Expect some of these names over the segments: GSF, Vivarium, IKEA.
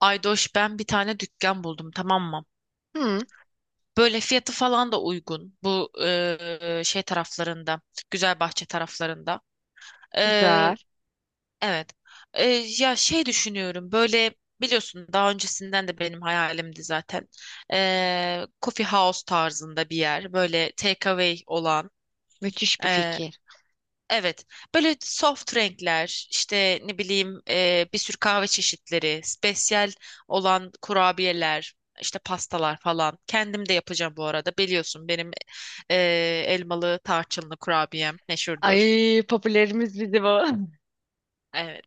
Aydoş, ben bir tane dükkan buldum, tamam mı? Hı, Böyle fiyatı falan da uygun. Bu şey taraflarında, Güzelbahçe taraflarında. Eee, güzel. evet. Ya şey düşünüyorum. Böyle biliyorsun, daha öncesinden de benim hayalimdi zaten. Coffee house tarzında bir yer, böyle takeaway olan. Müthiş bir fikir. Evet, böyle soft renkler, işte ne bileyim bir sürü kahve çeşitleri, spesiyel olan kurabiyeler, işte pastalar falan. Kendim de yapacağım bu arada. Biliyorsun benim e, elmalı tarçınlı kurabiyem meşhurdur. Ay popülerimiz bizi bu. Evet.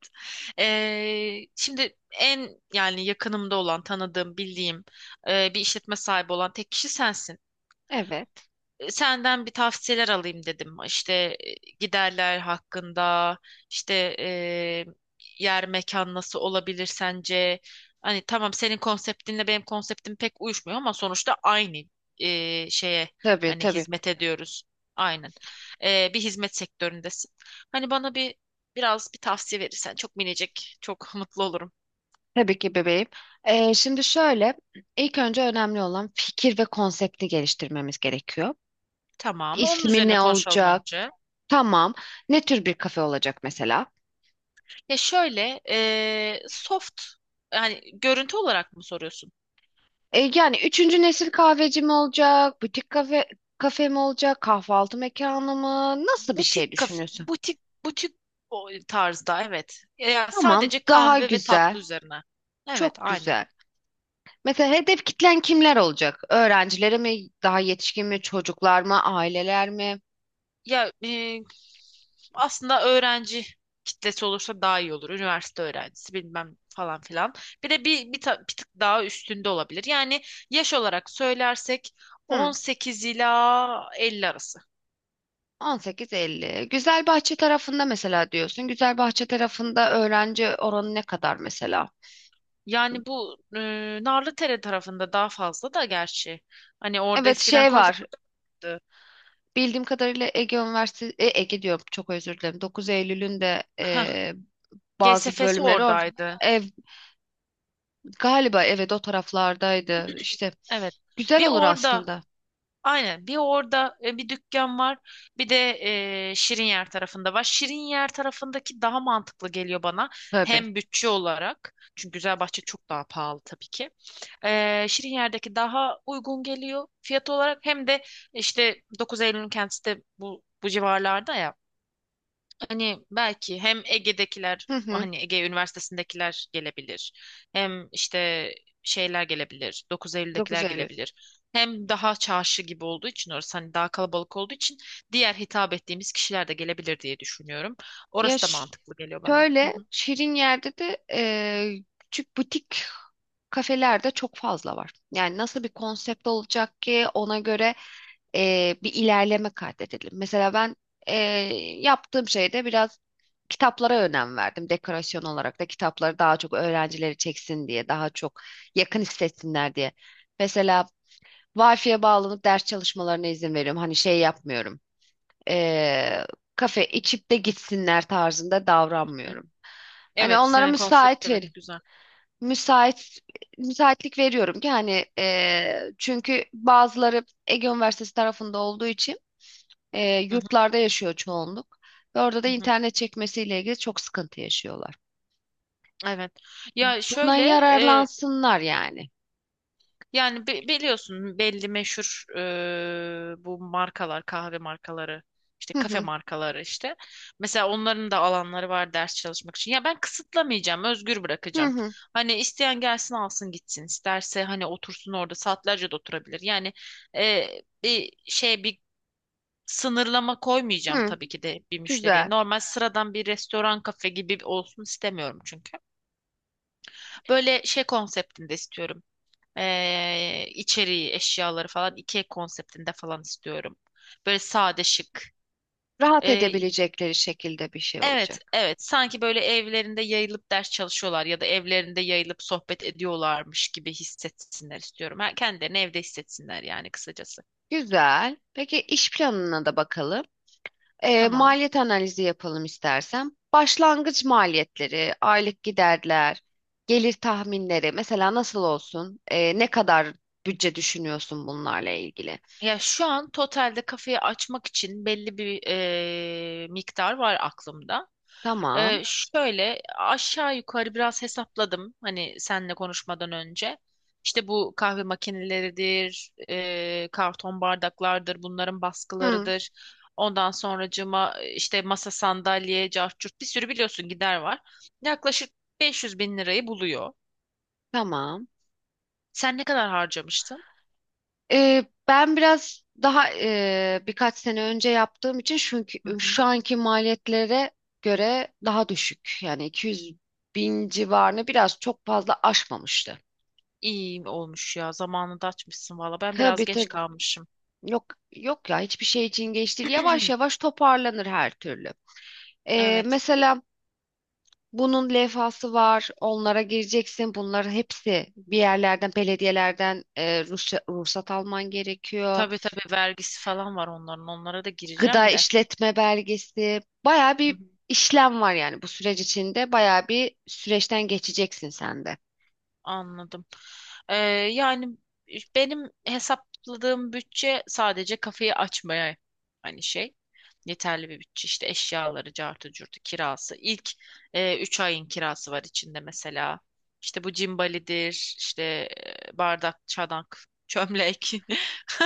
Şimdi en, yani yakınımda olan, tanıdığım, bildiğim bir işletme sahibi olan tek kişi sensin. Evet. Senden bir tavsiyeler alayım dedim. İşte giderler hakkında, işte e, yer mekan nasıl olabilir sence? Hani tamam, senin konseptinle benim konseptim pek uyuşmuyor ama sonuçta aynı şeye Tabii hani tabii. hizmet ediyoruz. Aynen. Bir hizmet sektöründesin. Hani bana biraz bir tavsiye verirsen çok minicik, çok mutlu olurum. Tabii ki bebeğim. Şimdi şöyle, ilk önce önemli olan fikir ve konsepti geliştirmemiz gerekiyor. Tamam. Onun İsmi üzerine ne konuşalım olacak? önce. Tamam. Ne tür bir kafe olacak mesela? Ya şöyle, soft yani görüntü olarak mı soruyorsun? Yani üçüncü nesil kahveci mi olacak? Butik kafe, kafe mi olacak? Kahvaltı mekanı mı? Nasıl bir şey Butik kaf, düşünüyorsun? butik butik o tarzda evet. Ya Tamam. sadece Daha kahve ve güzel. tatlı üzerine. Evet, Çok aynen. güzel. Mesela hedef kitlen kimler olacak? Öğrencilere mi, daha yetişkin mi, çocuklar mı, aileler mi? Ya aslında öğrenci kitlesi olursa daha iyi olur. Üniversite öğrencisi bilmem falan filan. Bir de bir tık daha üstünde olabilir. Yani yaş olarak söylersek Hı, 18 ila 50 arası. 18-50. Güzelbahçe tarafında mesela diyorsun. Güzelbahçe tarafında öğrenci oranı ne kadar mesela? Yani bu Narlıdere tarafında daha fazla da gerçi. Hani orada Evet eskiden şey var. konservatuvar vardı. Bildiğim kadarıyla Ege Üniversitesi, Ege diyorum çok özür dilerim. 9 Eylül'ün de G S bazı GSF'si bölümleri orada. oradaydı. Ev, galiba evet o taraflardaydı. İşte Evet. güzel Bir olur orada aslında. aynen bir orada bir dükkan var. Bir de Şirinyer tarafında var. Şirinyer tarafındaki daha mantıklı geliyor bana. Tabii. Hem bütçe olarak. Çünkü Güzelbahçe çok daha pahalı tabii ki. Şirinyer'deki daha uygun geliyor fiyat olarak. Hem de işte Dokuz Eylül'ün kendisi de bu civarlarda ya. Hani belki hem Ege'dekiler, Hı hı. hani Ege Üniversitesi'ndekiler gelebilir. Hem işte şeyler gelebilir, Dokuz 9 Eylül'dekiler gelebilir. Hem daha çarşı gibi olduğu için orası, hani daha kalabalık olduğu için diğer hitap ettiğimiz kişiler de gelebilir diye düşünüyorum. Ya Orası da mantıklı geliyor bana. Hı şöyle hı. şirin yerde de küçük butik kafelerde çok fazla var. Yani nasıl bir konsept olacak ki ona göre bir ilerleme kaydedelim. Mesela ben yaptığım şeyde biraz kitaplara önem verdim. Dekorasyon olarak da kitapları daha çok öğrencileri çeksin diye, daha çok yakın hissetsinler diye. Mesela Wi-Fi'ye bağlanıp ders çalışmalarına izin veriyorum. Hani şey yapmıyorum eee, kafe içip de gitsinler tarzında davranmıyorum. Hani Evet, onlara senin konsept müsait evet verin. güzel. Müsait müsaitlik veriyorum ki hani çünkü bazıları Ege Üniversitesi tarafında olduğu için Hı hı, yurtlarda yaşıyor çoğunluk ve orada da hı hı. internet çekmesiyle ilgili çok sıkıntı yaşıyorlar. Evet. Ya Bundan şöyle, yararlansınlar yani. yani biliyorsun belli meşhur bu markalar, kahve markaları, işte Hı kafe hı markaları işte. Mesela onların da alanları var ders çalışmak için. Ya ben kısıtlamayacağım, özgür hı bırakacağım. hı Hani isteyen gelsin alsın gitsin. İsterse hani otursun orada saatlerce de oturabilir. Yani e, bir sınırlama koymayacağım hı. tabii ki de bir müşteriye. Güzel. Normal sıradan bir restoran kafe gibi olsun istemiyorum çünkü. Böyle şey konseptinde istiyorum. İçeriği, eşyaları falan IKEA konseptinde falan istiyorum. Böyle sade, şık. Rahat Ee, edebilecekleri şekilde bir şey evet, olacak. evet. Sanki böyle evlerinde yayılıp ders çalışıyorlar ya da evlerinde yayılıp sohbet ediyorlarmış gibi hissetsinler istiyorum. Ha, kendilerini evde hissetsinler yani kısacası. Güzel. Peki iş planına da bakalım. Tamam. Maliyet analizi yapalım istersen. Başlangıç maliyetleri, aylık giderler, gelir tahminleri mesela nasıl olsun? Ne kadar bütçe düşünüyorsun bunlarla ilgili? Ya şu an totalde kafeyi açmak için belli bir miktar var aklımda. Tamam. Şöyle aşağı yukarı biraz hesapladım hani seninle konuşmadan önce. İşte bu kahve makineleridir, karton bardaklardır, bunların Hı, baskılarıdır. Ondan sonracığıma işte masa sandalye, cart curt bir sürü biliyorsun gider var. Yaklaşık 500 bin lirayı buluyor. tamam. Sen ne kadar harcamıştın? Ben biraz daha birkaç sene önce yaptığım için çünkü şu anki maliyetlere göre daha düşük. Yani 200 bin civarını biraz çok fazla aşmamıştı. İyi olmuş ya. Zamanında açmışsın valla. Ben biraz Tabii geç tabii. kalmışım. Yok yok ya hiçbir şey için geç değil. Yavaş yavaş toparlanır her türlü. Evet. Mesela bunun levhası var. Onlara gireceksin. Bunların hepsi bir yerlerden, belediyelerden ruhsat alman gerekiyor. Tabii tabii, vergisi falan var onların. Onlara da Gıda gireceğim de. işletme belgesi. Baya Hı hı, bir işlem var yani bu süreç içinde. Baya bir süreçten geçeceksin sen de. anladım. Ee, yani benim hesapladığım bütçe sadece kafeyi açmaya hani şey. Yeterli bir bütçe. İşte eşyaları, cartı, curtu, kirası. İlk 3 ayın kirası var içinde mesela. İşte bu cimbalidir, işte bardak, çanak, çömlek.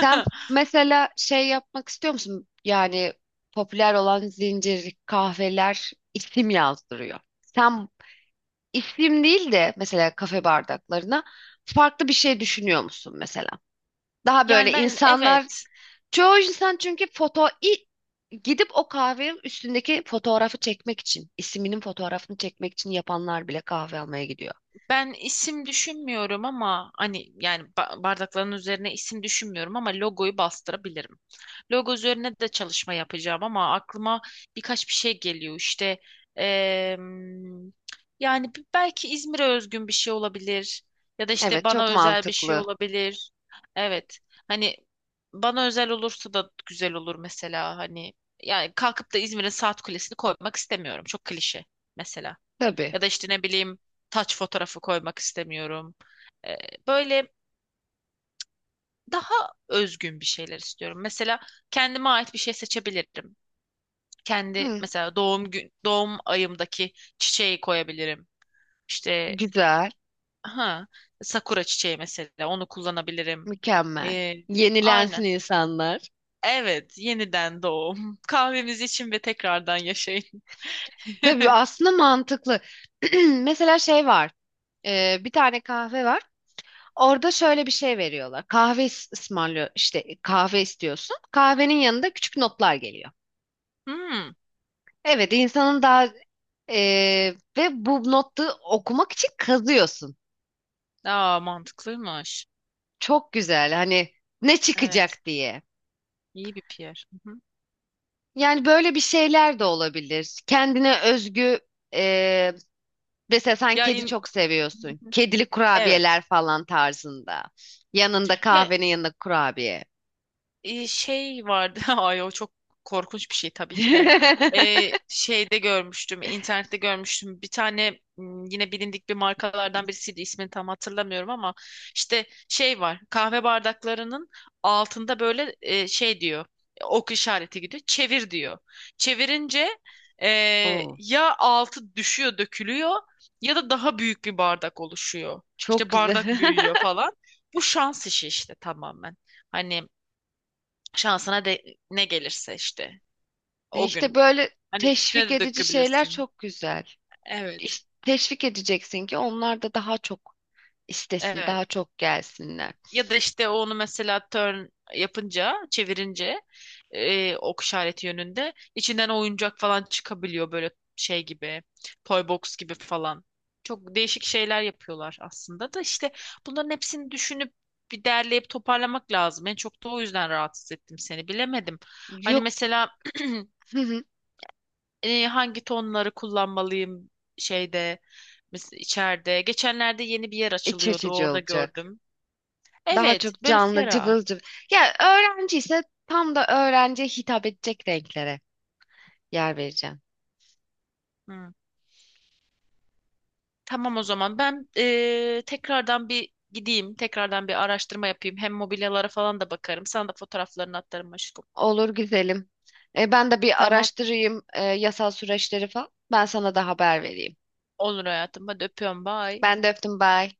Sen mesela şey yapmak istiyor musun? Yani popüler olan zincir kahveler isim yazdırıyor. Sen İsim değil de mesela kafe bardaklarına farklı bir şey düşünüyor musun mesela? Daha Yani böyle ben, insanlar evet, çoğu insan çünkü gidip o kahvenin üstündeki fotoğrafı çekmek için isminin fotoğrafını çekmek için yapanlar bile kahve almaya gidiyor. ben isim düşünmüyorum ama hani yani bardakların üzerine isim düşünmüyorum ama logoyu bastırabilirim. Logo üzerine de çalışma yapacağım ama aklıma birkaç bir şey geliyor işte em, yani belki İzmir'e özgün bir şey olabilir ya da işte Evet çok bana özel bir şey mantıklı. olabilir. Evet, hani bana özel olursa da güzel olur mesela, hani yani kalkıp da İzmir'in saat kulesini koymak istemiyorum, çok klişe mesela. Tabii. Ya da işte ne bileyim taç fotoğrafı koymak istemiyorum. Ee, böyle daha özgün bir şeyler istiyorum. Mesela kendime ait bir şey seçebilirim. Kendi Hı, mesela doğum ayımdaki çiçeği koyabilirim. İşte güzel. ha, sakura çiçeği mesela, onu kullanabilirim. Mükemmel. Ee, Yenilensin aynen. insanlar. Evet, yeniden doğum. Kahvemizi için ve tekrardan yaşayın. Tabii aslında mantıklı. Mesela şey var. Bir tane kahve var. Orada şöyle bir şey veriyorlar. Kahve ısmarlıyor işte kahve istiyorsun. Kahvenin yanında küçük notlar geliyor. Hmm. Evet insanın daha e, ve bu notu okumak için kazıyorsun. Aa, mantıklıymış. Çok güzel hani ne Evet. çıkacak diye. İyi bir PR. Hı hı. Yani böyle bir şeyler de olabilir. Kendine özgü e, mesela sen Ya kedi in... çok Hı seviyorsun. hı. Kedili Evet. kurabiyeler falan tarzında. Yanında Ya kahvenin yanında kurabiye. Şey vardı. Ay, o çok korkunç bir şey tabii ki de. Şeyde görmüştüm, internette görmüştüm. Bir tane yine bilindik bir markalardan birisiydi. İsmini tam hatırlamıyorum ama işte şey var. Kahve bardaklarının altında böyle şey diyor. Ok işareti gidiyor. Çevir diyor. Çevirince e, Oo, ya altı düşüyor, dökülüyor ya da daha büyük bir bardak oluşuyor. çok İşte güzel. bardak büyüyor falan. Bu şans işi işte, tamamen. Hani şansına de ne gelirse işte o İşte gün. böyle Hani üstüne teşvik de edici şeyler dökebilirsin. çok güzel. Evet. Teşvik edeceksin ki onlar da daha çok istesin, daha Evet. çok gelsinler. Ya da işte onu mesela turn yapınca, çevirince ok işareti yönünde içinden oyuncak falan çıkabiliyor, böyle şey gibi. Toy box gibi falan. Çok değişik şeyler yapıyorlar aslında da, işte bunların hepsini düşünüp bir derleyip toparlamak lazım. En çok da o yüzden rahatsız ettim seni. Bilemedim. Hani Yok, mesela hı hı, hangi tonları kullanmalıyım şeyde içeride. Geçenlerde yeni bir yer iç açılıyordu. açıcı Orada olacak. gördüm. Daha Evet, çok böyle canlı, ferah. cıvıl cıvıl. Ya öğrenci ise tam da öğrenciye hitap edecek renklere yer vereceğim. Hı. Tamam o zaman ben tekrardan bir gideyim. Tekrardan bir araştırma yapayım. Hem mobilyalara falan da bakarım. Sana da fotoğraflarını atarım aşkım. Olur güzelim. Ben de bir Tamam. araştırayım yasal süreçleri falan. Ben sana da haber vereyim. Olur hayatım. Hadi öpüyorum. Bye. Ben de öptüm, bye.